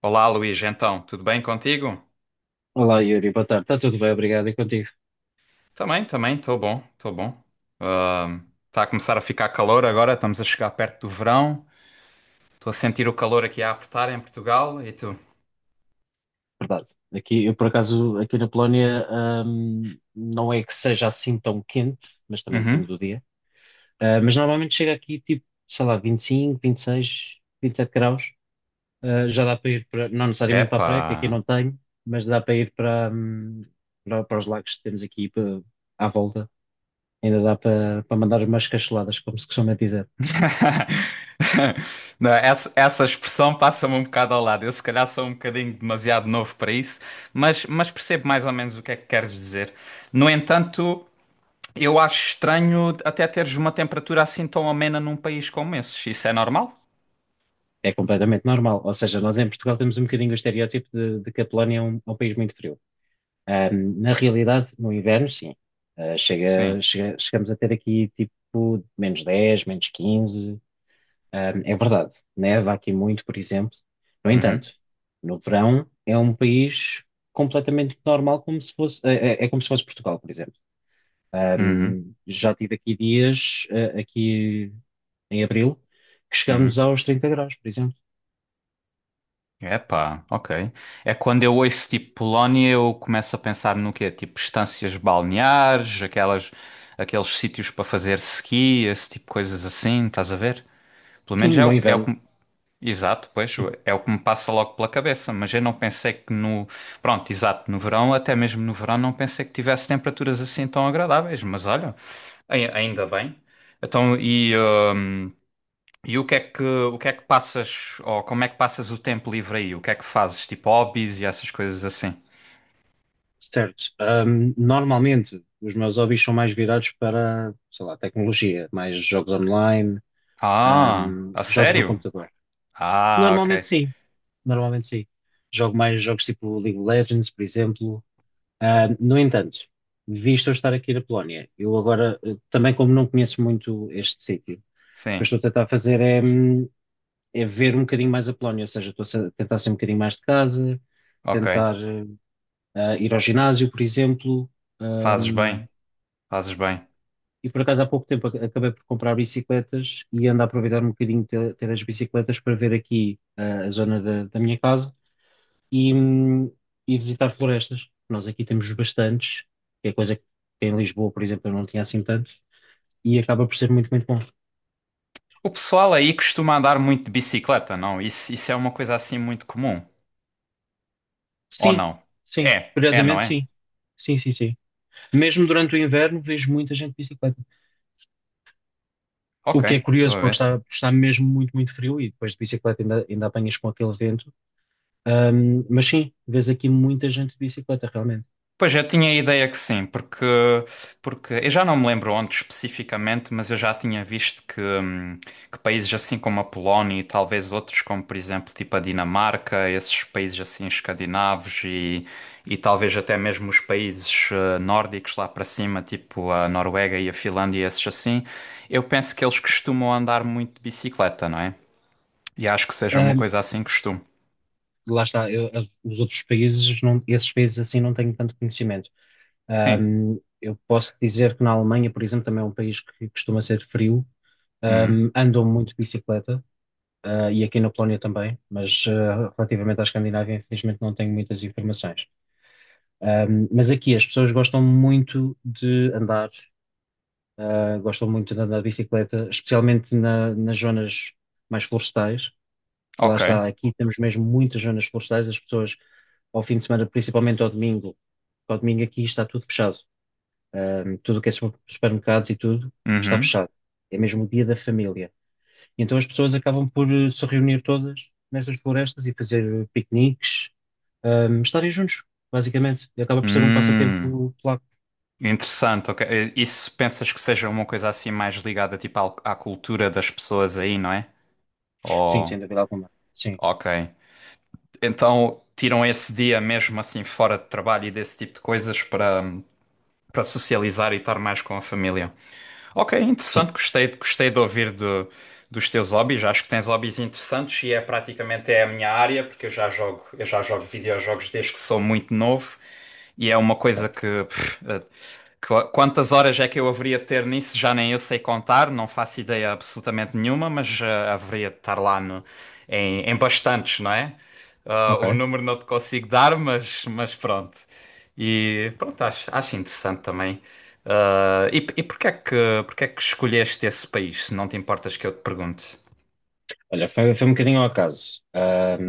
Olá, Luís, então, tudo bem contigo? Olá Yuri, boa tarde. Está tudo bem, obrigado. E contigo? Também, também, estou bom, estou bom. Está a começar a ficar calor agora, estamos a chegar perto do verão. Estou a sentir o calor aqui a apertar em Portugal e tu? Verdade. Aqui, eu por acaso, aqui na Polónia, não é que seja assim tão quente, mas também depende Uhum. do dia. Mas normalmente chega aqui tipo, sei lá, 25, 26, 27 graus. Já dá para ir para, não necessariamente para a praia, que aqui Epá. não tenho, mas dá para ir para, para, para os lagos que temos aqui para, à volta. Ainda dá para, para mandar umas cacheladas, como se costuma dizer. Não, essa expressão passa-me um bocado ao lado. Eu se calhar sou um bocadinho demasiado novo para isso, mas percebo mais ou menos o que é que queres dizer. No entanto, eu acho estranho até teres uma temperatura assim tão amena num país como esse. Isso é normal? É completamente normal. Ou seja, nós em Portugal temos um bocadinho o estereótipo de que a Polónia é um país muito frio. Na realidade, no inverno, sim. Sim. Chegamos a ter aqui tipo -10 -15. É verdade, neva aqui muito, por exemplo. No Uhum, entanto, no verão é um país completamente normal, como se fosse, é como se fosse Portugal, por exemplo. uhum, Já tive aqui dias, aqui em abril, que uhum. chegamos aos 30 graus, por exemplo. Epá, ok. É quando eu ouço tipo Polónia, eu começo a pensar no quê? Tipo estâncias balneares, aquelas, aqueles sítios para fazer ski, esse tipo de coisas assim, estás a ver? Pelo Sim, menos é no o, é o inverno, que. Exato, pois, sim. é o que me passa logo pela cabeça, mas eu não pensei que no. Pronto, exato, no verão, até mesmo no verão, não pensei que tivesse temperaturas assim tão agradáveis, mas olha, ainda bem. Então, e o que é que passas, ou como é que passas o tempo livre aí? O que é que fazes? Tipo hobbies e essas coisas assim? Certo. Normalmente os meus hobbies são mais virados para, sei lá, tecnologia, mais jogos online, Ah, a jogos no sério? computador. Ah, Normalmente ok. sim, normalmente sim. Jogo mais jogos tipo League of Legends, por exemplo. No entanto, visto eu estar aqui na Polónia, eu agora, também como não conheço muito este sítio, o que eu Sim, estou a tentar fazer é, é ver um bocadinho mais a Polónia, ou seja, tentar sair um bocadinho mais de casa, ok. tentar ir ao ginásio, por exemplo. Fazes bem, fazes bem. E por acaso há pouco tempo acabei por comprar bicicletas e ando a aproveitar um bocadinho ter, ter as bicicletas para ver aqui a zona da minha casa e, hum, e visitar florestas. Nós aqui temos bastantes, que é coisa que em Lisboa, por exemplo, eu não tinha assim tanto, e acaba por ser muito, muito bom. O pessoal aí costuma andar muito de bicicleta, não? Isso é uma coisa assim muito comum, ou Sim, não? sim, É, é, não curiosamente é? sim. Sim, sim, sim. Mesmo durante o inverno vejo muita gente de bicicleta. Ok, O que é estou curioso a porque ver. está, está mesmo muito, muito frio e depois de bicicleta ainda, ainda apanhas com aquele vento. Mas sim, vês aqui muita gente de bicicleta, realmente. Pois eu tinha a ideia que sim, porque eu já não me lembro onde especificamente, mas eu já tinha visto que países assim como a Polónia e talvez outros, como por exemplo tipo a Dinamarca, esses países assim escandinavos e talvez até mesmo os países nórdicos lá para cima, tipo a Noruega e a Finlândia, esses assim, eu penso que eles costumam andar muito de bicicleta, não é? E acho que seja uma Ahm, coisa assim costume. lá está, os outros países, esses países assim não tenho tanto conhecimento. Sim. Eu posso dizer que na Alemanha, por exemplo, também é um país que costuma ser frio, Hum. Andam muito de bicicleta, e aqui na Polónia também, mas relativamente à Escandinávia, infelizmente não tenho muitas informações. Mas aqui as pessoas gostam muito de andar, gostam muito de andar de bicicleta, especialmente nas zonas mais florestais. Lá Ok. está, aqui temos mesmo muitas zonas florestais, as pessoas ao fim de semana, principalmente ao domingo aqui está tudo fechado. Tudo o que é supermercados e tudo está Uhum. fechado. É mesmo o dia da família. E então as pessoas acabam por se reunir todas nestas florestas e fazer piqueniques, estarem juntos, basicamente. E acaba por ser um Hum. passatempo polaco. Interessante, ok. E pensas que seja uma coisa assim mais ligada tipo à cultura das pessoas aí, não é? Sim, Ou, sem dúvida alguma. Sim, ok. Então tiram esse dia mesmo assim fora de trabalho e desse tipo de coisas para socializar e estar mais com a família. Ok, sim. interessante, gostei, gostei de ouvir dos teus hobbies. Acho que tens hobbies interessantes e é praticamente é a minha área, porque eu já jogo videojogos desde que sou muito novo e é uma coisa Ok. que, quantas horas é que eu haveria de ter nisso, já nem eu sei contar, não faço ideia absolutamente nenhuma, mas haveria de estar lá em bastantes, não é? Ah, Ok. o número não te consigo dar, mas pronto. E pronto, acho interessante também. Ah, e porquê é que escolheste esse país, se não te importas que eu te pergunte? Olha, foi, foi um bocadinho ao acaso.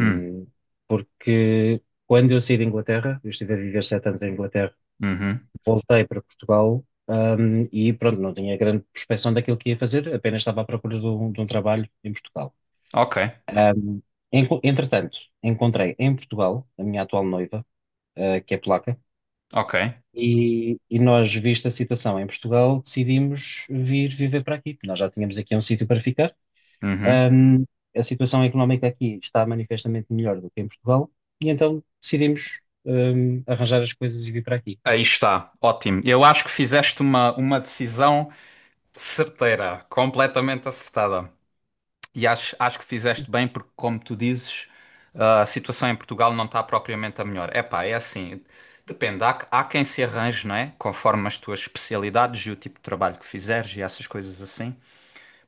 Hum, porque quando eu saí da Inglaterra, eu estive a viver 7 anos em Inglaterra, uhum, voltei para Portugal, e pronto, não tinha grande prospeção daquilo que ia fazer, apenas estava à procura de um trabalho em Portugal. ok, Ahm, entretanto, encontrei em Portugal a minha atual noiva, que é polaca, ok, e nós, vista a situação em Portugal, decidimos vir viver para aqui. Nós já tínhamos aqui um sítio para ficar. uhum. Ahm, a situação económica aqui está manifestamente melhor do que em Portugal e então decidimos, arranjar as coisas e vir para aqui. Aí está, ótimo. Eu acho que fizeste uma decisão certeira, completamente acertada. E acho que fizeste bem, porque, como tu dizes, a situação em Portugal não está propriamente a melhor. Epá, é assim, depende. Há quem se arranje, não é? Conforme as tuas especialidades e o tipo de trabalho que fizeres e essas coisas assim.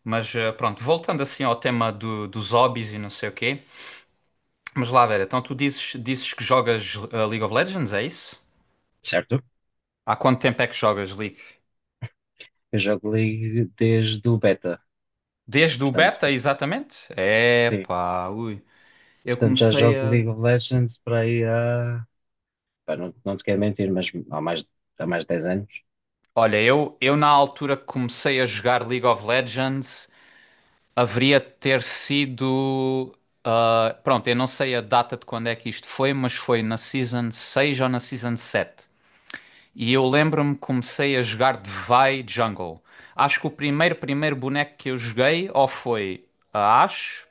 Mas pronto, voltando assim ao tema dos hobbies e não sei o quê. Mas lá, Vera, então tu dizes que jogas League of Legends, é isso? Certo? Há quanto tempo é que jogas League? Eu jogo League desde o beta, Desde o portanto, beta, exatamente? É, sim. epá, ui. Eu Portanto, já comecei jogo a. League of Legends para aí há. Pá, não, não te quero mentir, mas há mais de 10 anos. Olha, eu na altura que comecei a jogar League of Legends, haveria de ter sido. Pronto, eu não sei a data de quando é que isto foi, mas foi na Season 6 ou na Season 7. E eu lembro-me que comecei a jogar Vai Jungle. Acho que o primeiro boneco que eu joguei ou foi a Ashe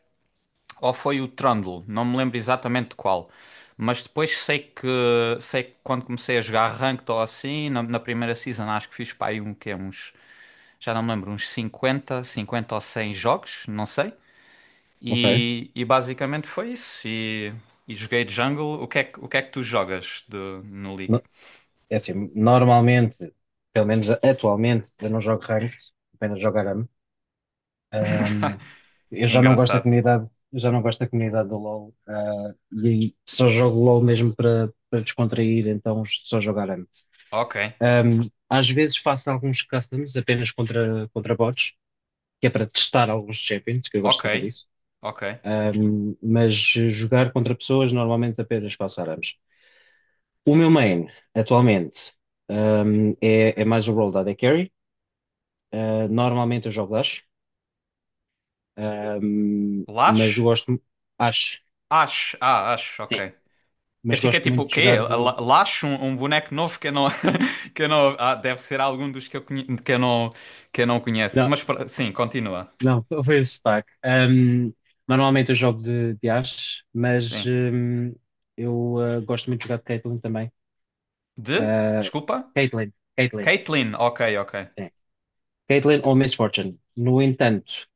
ou foi o Trundle. Não me lembro exatamente de qual. Mas depois sei que quando comecei a jogar Ranked ou assim, na primeira season acho que fiz para aí um, quê? Uns, já não me lembro, uns 50 50 ou 100 jogos, não sei. Ok. E basicamente foi isso. E joguei Jungle. O que é que tu jogas de, no League? No- é assim, normalmente, pelo menos atualmente, eu não jogo ranked, apenas jogo ARAM. Um, eu já não gosto da Engraçado. comunidade, já não gosto da comunidade do LoL, e aí só jogo LoL mesmo para para descontrair, então só jogar ARAM. Ok. Às vezes faço alguns customs apenas contra, contra bots, que é para testar alguns champions, que eu gosto Ok, de fazer isso. ok. Mas jogar contra pessoas normalmente apenas faço ARAMs. O meu main, atualmente, é, é mais o role da AD Carry. Normalmente eu jogo Dash, mas eu Lash? gosto, acho. Ash, Ash, ok. Eu Mas fiquei gosto tipo, muito o de quê? jogar A de. Lash, um boneco novo que eu não, que eu não, deve ser algum dos que eu, que eu não conheço. Não, Mas sim, continua. não, foi o sotaque. Normalmente eu jogo de Ashe, mas Sim. Eu gosto muito de jogar de Caitlyn também. De? Uh, Desculpa? Caitlyn, Caitlyn, Caitlyn, ok, ok. sim. Caitlyn ou Miss Fortune. No entanto,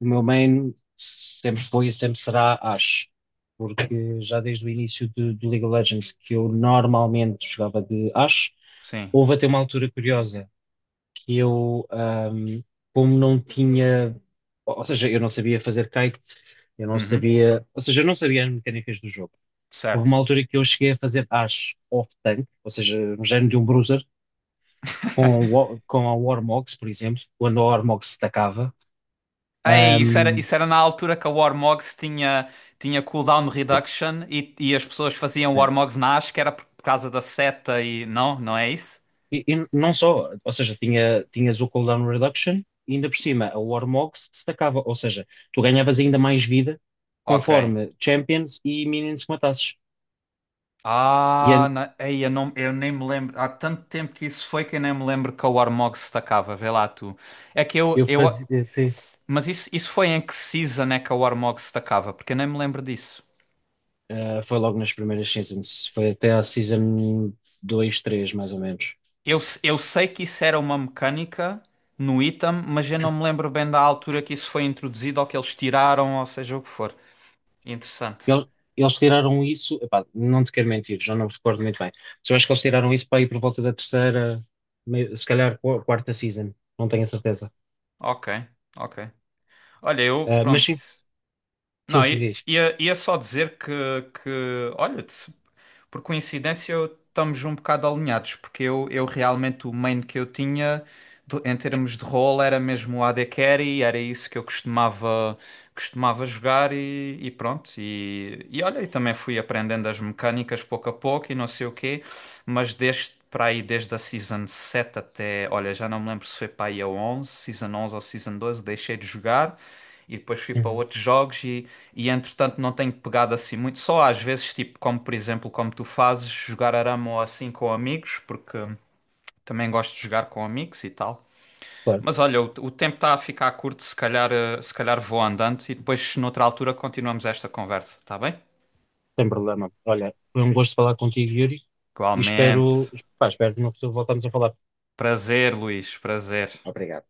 o meu main sempre foi e sempre será Ashe, porque já desde o início do League of Legends que eu normalmente jogava de Ashe, Sim. houve até uma altura curiosa. Que eu, como não tinha, ou seja, eu não sabia fazer kite, eu não Uhum. sabia, ou seja, eu não sabia as mecânicas do jogo. Houve Certo. uma altura que eu cheguei a fazer acho off-tank, ou seja, um género de um bruiser, com, com a Warmogs, por exemplo, quando a Warmogs se tacava. Ei, isso era, Ahm, isso era na altura que a Warmogs tinha cooldown reduction e as pessoas faziam sim. Warmogs na Ash, que era por causa da seta e... Não? Não é isso? E, e não só, ou seja, tinha, tinhas o cooldown reduction, e ainda por cima a Warmogs se tacava, ou seja, tu ganhavas ainda mais vida Ok. conforme champions e minions que matasses. E, Ah, ei, eu, não, eu nem me lembro. Há tanto tempo que isso foi que eu nem me lembro que a Warmog se destacava. Vê lá tu. É que eu, eu eu, fazia, sim. mas isso foi em que season é que a Warmog se destacava? Porque eu nem me lembro disso. Ah, foi logo nas primeiras seasons. Foi até à season 2, 3 mais ou menos. Eu, eu sei que isso era uma mecânica no item, mas eu não me lembro bem da altura que isso foi introduzido ou que eles tiraram, ou seja o que for. Interessante. Eles, eles tiraram isso. Epá, não te quero mentir, já não me recordo muito bem. Mas eu acho que eles tiraram isso para ir por volta da terceira, se calhar quarta season. Não tenho a certeza. Ok, ok. Olha, eu, Mas pronto, sim, isso. sim, Não, sim, i- diz. ia, ia só dizer que olha-te. Por coincidência, estamos um bocado alinhados, porque eu realmente o main que eu tinha em termos de role era mesmo o AD Carry, era isso que eu costumava jogar e pronto. E olha, e também fui aprendendo as mecânicas pouco a pouco e não sei o quê, mas desde para aí, desde a Season 7 até, olha, já não me lembro se foi para aí a 11, Season 11 ou Season 12 deixei de jogar e depois fui para Uhum. outros jogos e entretanto não tenho pegado assim muito, só às vezes, tipo, como por exemplo, como tu fazes, jogar arame ou assim com amigos, porque também gosto de jogar com amigos e tal. Claro, Mas olha, o tempo está a ficar curto, se calhar, se calhar vou andando e depois noutra altura continuamos esta conversa, tá bem? sem problema. Olha, foi um gosto falar contigo, Yuri. E espero, Igualmente. pá, espero que não voltamos a falar. Prazer, Luís, prazer. Obrigado.